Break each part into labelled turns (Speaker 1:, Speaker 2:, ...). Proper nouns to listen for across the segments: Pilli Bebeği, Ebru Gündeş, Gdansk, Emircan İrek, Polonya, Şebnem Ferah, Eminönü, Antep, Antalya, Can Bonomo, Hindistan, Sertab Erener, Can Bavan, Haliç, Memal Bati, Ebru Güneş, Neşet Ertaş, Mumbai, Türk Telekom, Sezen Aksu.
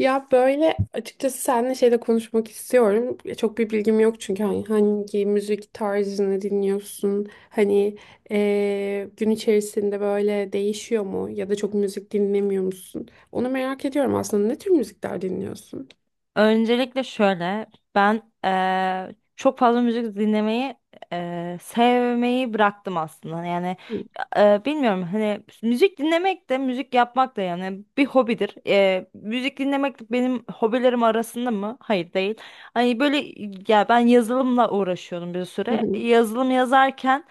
Speaker 1: Ya böyle açıkçası seninle şeyde konuşmak istiyorum. Çok bir bilgim yok çünkü hani hangi müzik tarzını dinliyorsun? Hani gün içerisinde böyle değişiyor mu? Ya da çok müzik dinlemiyor musun? Onu merak ediyorum aslında. Ne tür müzikler dinliyorsun?
Speaker 2: Öncelikle şöyle, ben çok fazla müzik dinlemeyi sevmeyi bıraktım aslında. Yani
Speaker 1: Hı.
Speaker 2: bilmiyorum hani müzik dinlemek de müzik yapmak da yani bir hobidir. Müzik dinlemek de benim hobilerim arasında mı? Hayır değil. Hani böyle ya ben yazılımla uğraşıyordum bir süre. Yazılım yazarken.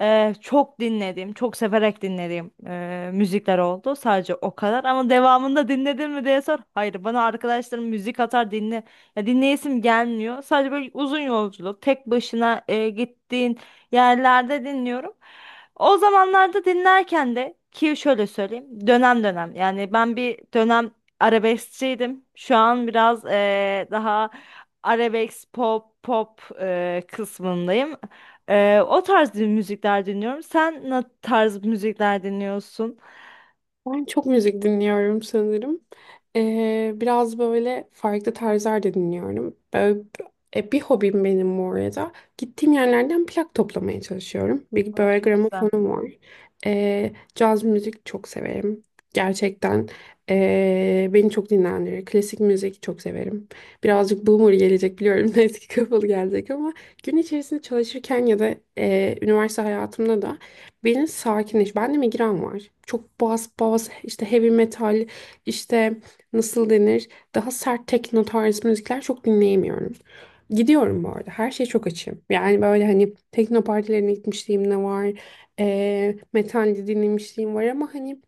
Speaker 2: Çok dinledim, çok severek dinlediğim müzikler oldu. Sadece o kadar. Ama devamında dinledin mi diye sor. Hayır, bana arkadaşlarım müzik atar dinle. Ya dinleyesim gelmiyor. Sadece böyle uzun yolculuk, tek başına gittiğin yerlerde dinliyorum. O zamanlarda dinlerken de ki şöyle söyleyeyim, dönem dönem. Yani ben bir dönem arabeskçiydim. Şu an biraz daha arabesk pop pop kısmındayım. O tarz müzikler dinliyorum. Sen ne tarz müzikler dinliyorsun?
Speaker 1: Ben çok müzik dinliyorum sanırım. Biraz böyle farklı tarzlar da dinliyorum. Böyle, bir hobim benim bu arada. Gittiğim yerlerden plak toplamaya çalışıyorum. Bir
Speaker 2: Aa,
Speaker 1: böyle
Speaker 2: çok güzel.
Speaker 1: gramofonum var. Caz müzik çok severim. Gerçekten beni çok dinlendirir. Klasik müzik çok severim. Birazcık boomer gelecek biliyorum. Eski kafalı gelecek ama gün içerisinde çalışırken ya da üniversite hayatımda da beni sakinleş. Bende migren var. Çok bas bas işte heavy metal işte nasıl denir, daha sert tekno tarzı müzikler çok dinleyemiyorum. Gidiyorum bu arada. Her şeye çok açığım. Yani böyle hani tekno partilerine gitmişliğim de var. Metal de dinlemişliğim var ama hani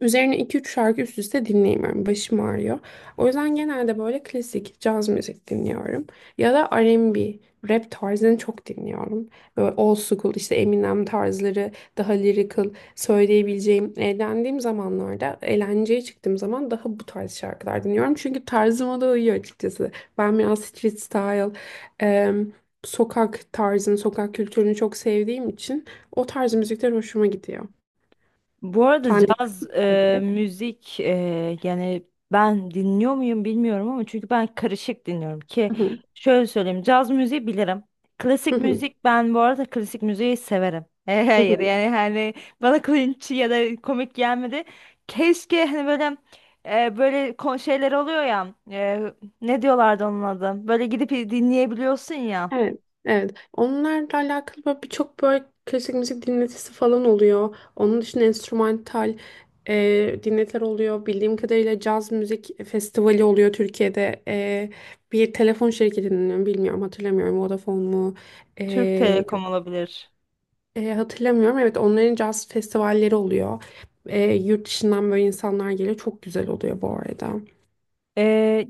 Speaker 1: üzerine iki üç şarkı üst üste dinleyemiyorum. Başım ağrıyor. O yüzden genelde böyle klasik caz müzik dinliyorum. Ya da R&B, rap tarzını çok dinliyorum. Böyle old school işte Eminem tarzları, daha lyrical söyleyebileceğim. Eğlendiğim zamanlarda, eğlenceye çıktığım zaman daha bu tarz şarkılar dinliyorum. Çünkü tarzıma da uyuyor açıkçası. Ben biraz street style, em, sokak tarzını, sokak kültürünü çok sevdiğim için o tarz müzikler hoşuma gidiyor.
Speaker 2: Bu arada
Speaker 1: Sen
Speaker 2: caz
Speaker 1: dinliyor musun?
Speaker 2: müzik yani ben dinliyor muyum bilmiyorum ama çünkü ben karışık dinliyorum ki şöyle söyleyeyim caz müziği bilirim.
Speaker 1: Hı
Speaker 2: Klasik
Speaker 1: hı,
Speaker 2: müzik ben bu arada klasik müziği severim.
Speaker 1: hı
Speaker 2: Hayır
Speaker 1: hı.
Speaker 2: yani hani bana cringe ya da komik gelmedi. Keşke hani böyle böyle şeyler oluyor ya ne diyorlardı onun adı? Böyle gidip dinleyebiliyorsun ya.
Speaker 1: Evet, evet. Onlarla alakalı böyle birçok böyle klasik müzik dinletisi falan oluyor. Onun dışında enstrümantal dinletiler oluyor. Bildiğim kadarıyla caz müzik festivali oluyor Türkiye'de. Bir telefon şirketinin bilmiyorum hatırlamıyorum, Vodafone mu? E,
Speaker 2: Türk Telekom
Speaker 1: yok.
Speaker 2: olabilir.
Speaker 1: E, hatırlamıyorum. Evet, onların caz festivalleri oluyor. Yurt dışından böyle insanlar geliyor. Çok güzel oluyor bu arada.
Speaker 2: Ee,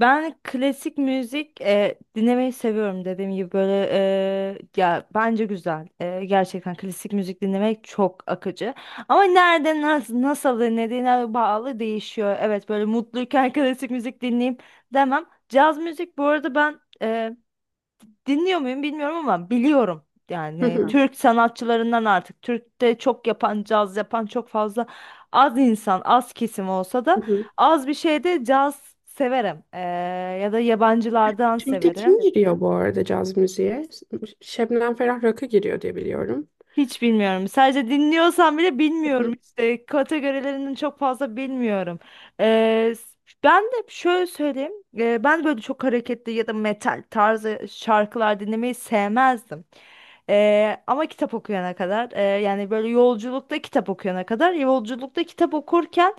Speaker 2: Ben klasik müzik dinlemeyi seviyorum dediğim gibi böyle ya bence güzel. Gerçekten klasik müzik dinlemek çok akıcı. Ama nerede nasıl, nasıl dinlediğine bağlı değişiyor. Evet böyle mutluyken klasik müzik dinleyeyim demem. Caz müzik bu arada ben dinliyor muyum bilmiyorum ama biliyorum.
Speaker 1: Hı
Speaker 2: Yani
Speaker 1: hı.
Speaker 2: Türk sanatçılarından artık Türk'te çok yapan, caz yapan çok fazla az insan, az kesim olsa da az bir şeyde caz severim. Ya da yabancılardan
Speaker 1: Türk'te
Speaker 2: severim.
Speaker 1: kim giriyor bu arada caz müziğe? Şebnem Ferah Rakı giriyor diye biliyorum.
Speaker 2: Hiç bilmiyorum. Sadece dinliyorsam bile
Speaker 1: Hı
Speaker 2: bilmiyorum
Speaker 1: hı.
Speaker 2: işte. Kategorilerinin çok fazla bilmiyorum. Ee, Ben de şöyle söyleyeyim. Ben böyle çok hareketli ya da metal tarzı şarkılar dinlemeyi sevmezdim. Ama kitap okuyana kadar yani böyle yolculukta kitap okuyana kadar yolculukta kitap okurken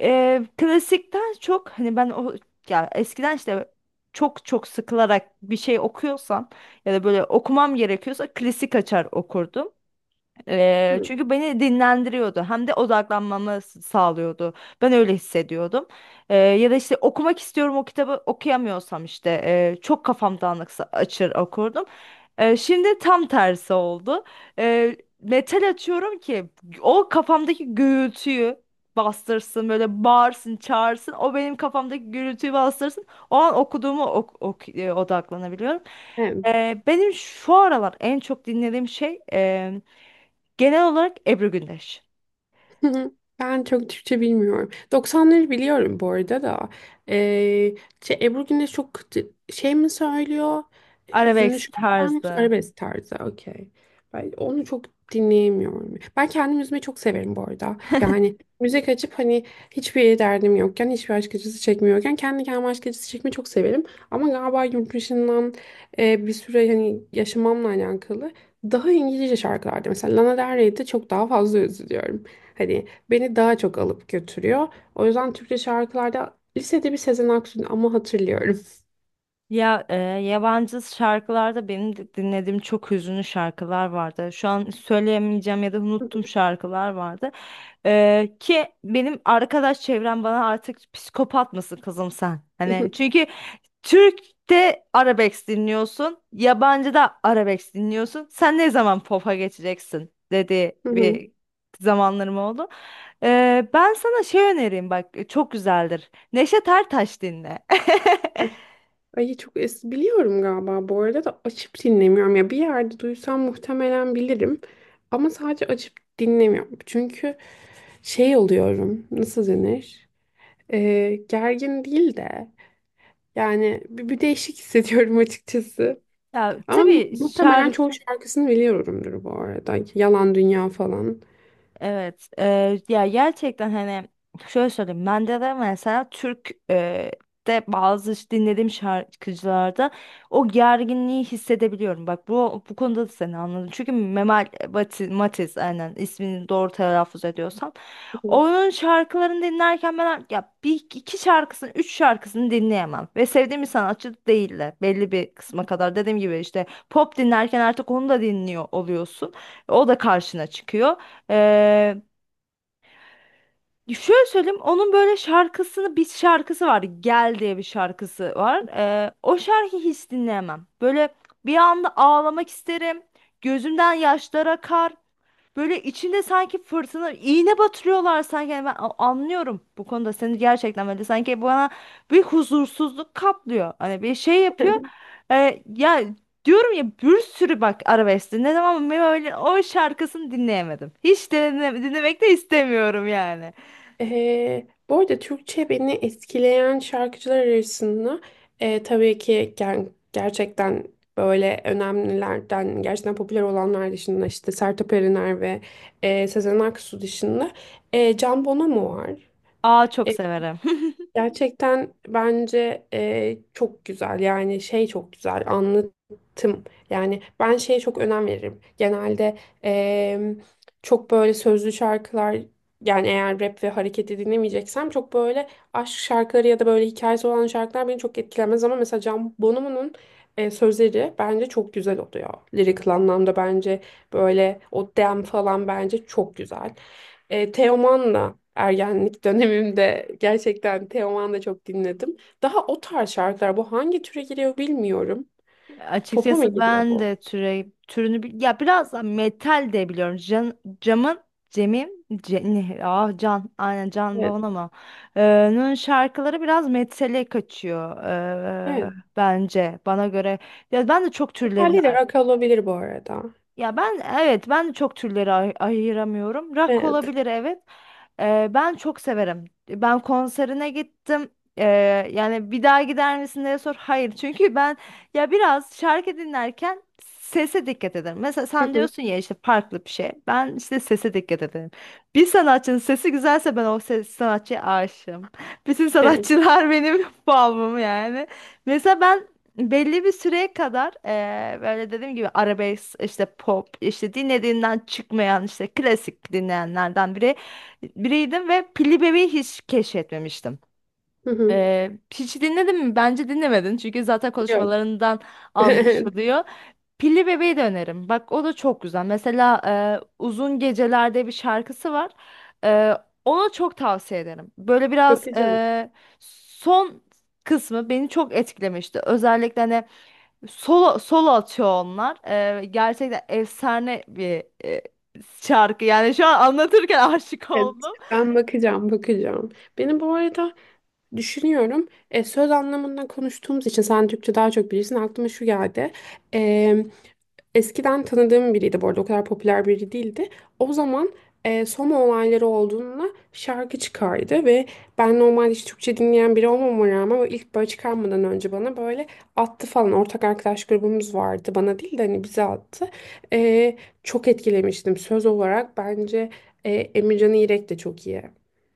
Speaker 2: klasikten çok hani ben o ya eskiden işte çok sıkılarak bir şey okuyorsam ya da böyle okumam gerekiyorsa klasik açar okurdum.
Speaker 1: Hı.
Speaker 2: Çünkü beni dinlendiriyordu hem de odaklanmamı sağlıyordu. Ben öyle hissediyordum. Ya da işte okumak istiyorum o kitabı okuyamıyorsam işte çok kafam dağınıksa açır okurdum. Şimdi tam tersi oldu. Metal açıyorum ki o kafamdaki gürültüyü bastırsın böyle bağırsın çağırsın o benim kafamdaki gürültüyü bastırsın o an okuduğumu odaklanabiliyorum.
Speaker 1: Evet.
Speaker 2: Benim şu aralar en çok dinlediğim şey genel olarak Ebru Gündeş.
Speaker 1: Hı hı. Ben çok Türkçe bilmiyorum. Doksanları biliyorum bu arada da. Ee, Şey, Ebru Güneş çok şey mi söylüyor? Hüzünlü
Speaker 2: Arabesk
Speaker 1: şarkılar mı yoksa
Speaker 2: tarzı.
Speaker 1: arabesk tarzı? Okey. Ben onu çok dinleyemiyorum. Ben kendim üzmeyi çok severim bu arada. Yani müzik açıp hani hiçbir derdim yokken, hiçbir aşk acısı çekmiyorken kendi kendime aşk acısı çekmeyi çok severim. Ama galiba yurt dışından bir süre hani yaşamamla alakalı daha İngilizce şarkılarda mesela Lana Del Rey'de çok daha fazla üzülüyorum. Hani beni daha çok alıp götürüyor. O yüzden Türkçe şarkılarda lisede bir Sezen Aksu'nu ama hatırlıyorum.
Speaker 2: Ya yabancı şarkılarda benim de dinlediğim çok hüzünlü şarkılar vardı. Şu an söyleyemeyeceğim ya da unuttum şarkılar vardı. Ki benim arkadaş çevrem bana artık psikopat mısın kızım sen?
Speaker 1: Hı
Speaker 2: Hani
Speaker 1: hı.
Speaker 2: çünkü Türk'te arabesk dinliyorsun, yabancıda arabesk dinliyorsun. Sen ne zaman pop'a geçeceksin dedi
Speaker 1: Hı hı.
Speaker 2: bir zamanlarım oldu. Ben sana şey önereyim bak çok güzeldir. Neşet Ertaş dinle.
Speaker 1: Ay çok es biliyorum galiba bu arada da açıp dinlemiyorum, ya bir yerde duysam muhtemelen bilirim ama sadece açıp dinlemiyorum çünkü şey oluyorum, nasıl denir. Gergin değil de yani bir değişik hissediyorum açıkçası,
Speaker 2: Ya,
Speaker 1: ama
Speaker 2: tabii
Speaker 1: muhtemelen
Speaker 2: şarkı.
Speaker 1: çoğu şarkısını biliyorumdur bu arada, yalan dünya falan.
Speaker 2: Evet, ya gerçekten hani şöyle söyleyeyim, bende de mesela Türk de bazı dinlediğim şarkıcılarda o gerginliği hissedebiliyorum. Bak bu konuda da seni anladım. Çünkü Matiz aynen ismini doğru telaffuz ediyorsam onun şarkılarını dinlerken ben ya bir iki şarkısını, üç şarkısını dinleyemem ve sevdiğim bir sanatçı değil de belli bir kısma kadar dediğim gibi işte pop dinlerken artık onu da dinliyor oluyorsun. O da karşına çıkıyor. Ee, Şöyle söyleyeyim onun böyle şarkısını bir şarkısı var Gel diye bir şarkısı var. O şarkıyı hiç dinleyemem. Böyle bir anda ağlamak isterim. Gözümden yaşlar akar. Böyle içinde sanki fırtına iğne batırıyorlar sanki. Yani ben anlıyorum bu konuda seni gerçekten, böyle sanki bana bir huzursuzluk kaplıyor. Hani bir şey yapıyor. Ya diyorum ya bir sürü bak arabesk dinledim ama ben öyle o şarkısını dinleyemedim. Hiç dinlemek de istemiyorum yani.
Speaker 1: Bu arada Türkçe beni etkileyen şarkıcılar arasında tabii ki gerçekten böyle önemlilerden, gerçekten popüler olanlar dışında, işte Sertab Erener ve Sezen Aksu dışında Can Bonomo var.
Speaker 2: Aa çok
Speaker 1: E,
Speaker 2: severim.
Speaker 1: Gerçekten bence çok güzel, yani şey çok güzel anlatım, yani ben şeye çok önem veririm genelde. e, Çok böyle sözlü şarkılar, yani eğer rap ve hareketi dinlemeyeceksem, çok böyle aşk şarkıları ya da böyle hikayesi olan şarkılar beni çok etkilemez, ama mesela Can Bonomo'nun sözleri bence çok güzel oluyor lirik anlamda, bence böyle o dem falan bence çok güzel. Teoman'la ergenlik dönemimde gerçekten Teoman'la çok dinledim. Daha o tarz şarkılar. Bu hangi türe giriyor bilmiyorum. Pop'a mı
Speaker 2: Açıkçası
Speaker 1: giriyor
Speaker 2: ben
Speaker 1: bu?
Speaker 2: de türe, türünü ya biraz da metal de biliyorum. Can, camın Cem'im Ce- ne, ah Can aynen Can
Speaker 1: Evet.
Speaker 2: Bavan ama Nun şarkıları biraz metale kaçıyor
Speaker 1: Evet.
Speaker 2: bence bana göre. Ya ben de çok türlerini
Speaker 1: Metalli de rock olabilir bu arada.
Speaker 2: ya ben evet ben de çok türleri ayıramıyorum. Rock
Speaker 1: Evet.
Speaker 2: olabilir evet. Ben çok severim. Ben konserine gittim. Ee, Yani bir daha gider misin diye sor. Hayır çünkü ben ya biraz şarkı dinlerken sese dikkat ederim. Mesela
Speaker 1: Hı
Speaker 2: sen
Speaker 1: hı.
Speaker 2: diyorsun ya işte farklı bir şey. Ben işte sese dikkat ederim. Bir sanatçının sesi güzelse ben o ses sanatçıya aşığım. Bütün
Speaker 1: Evet.
Speaker 2: sanatçılar benim bağımım yani. Mesela ben belli bir süreye kadar böyle dediğim gibi arabesk işte pop işte dinlediğinden çıkmayan işte klasik dinleyenlerden biriydim ve Pilli Bebeği hiç keşfetmemiştim.
Speaker 1: Hı hı.
Speaker 2: Hiç dinledin mi? Bence dinlemedin çünkü zaten
Speaker 1: Yok.
Speaker 2: konuşmalarından
Speaker 1: Evet.
Speaker 2: anlaşılıyor. Pilli Bebeği de öneririm. Bak o da çok güzel. Mesela Uzun Gecelerde bir şarkısı var. Eee, Onu çok tavsiye ederim. Böyle biraz
Speaker 1: Bakacağım.
Speaker 2: son kısmı beni çok etkilemişti. Özellikle hani solo, solo atıyor onlar. Gerçekten efsane bir şarkı. Yani şu an anlatırken aşık
Speaker 1: Evet.
Speaker 2: oldum.
Speaker 1: Ben bakacağım, bakacağım. Benim bu arada düşünüyorum. Söz anlamında konuştuğumuz için sen Türkçe daha çok bilirsin. Aklıma şu geldi. E, Eskiden tanıdığım biriydi bu arada. O kadar popüler biri değildi. O zaman Soma olayları olduğunda şarkı çıkardı ve ben normalde hiç Türkçe dinleyen biri olmama rağmen o ilk böyle çıkarmadan önce bana böyle attı falan. Ortak arkadaş grubumuz vardı. Bana değil de hani bize attı. E, Çok etkilemiştim söz olarak. Bence Emircan İrek de çok iyi.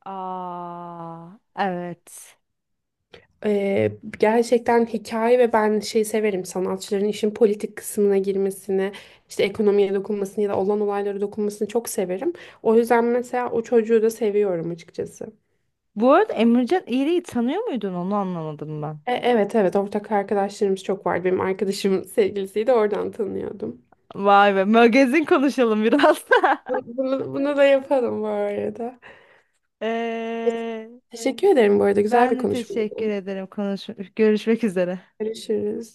Speaker 2: Aa, evet.
Speaker 1: Ee, Gerçekten hikaye, ve ben şey severim sanatçıların işin politik kısmına girmesini, işte ekonomiye dokunmasını ya da olan olaylara dokunmasını çok severim. O yüzden mesela o çocuğu da seviyorum açıkçası.
Speaker 2: Bu arada Emrecan İğri'yi tanıyor muydun? Onu anlamadım ben.
Speaker 1: Evet evet, ortak arkadaşlarımız çok vardı. Benim arkadaşımın sevgilisiydi, oradan tanıyordum.
Speaker 2: Vay be, magazin konuşalım biraz.
Speaker 1: Bunu da yapalım bu arada.
Speaker 2: Ee,
Speaker 1: Teşekkür ederim bu arada, güzel
Speaker 2: Ben
Speaker 1: bir
Speaker 2: de
Speaker 1: konuşmaydı.
Speaker 2: teşekkür ederim. Konuş görüşmek üzere.
Speaker 1: Görüşürüz.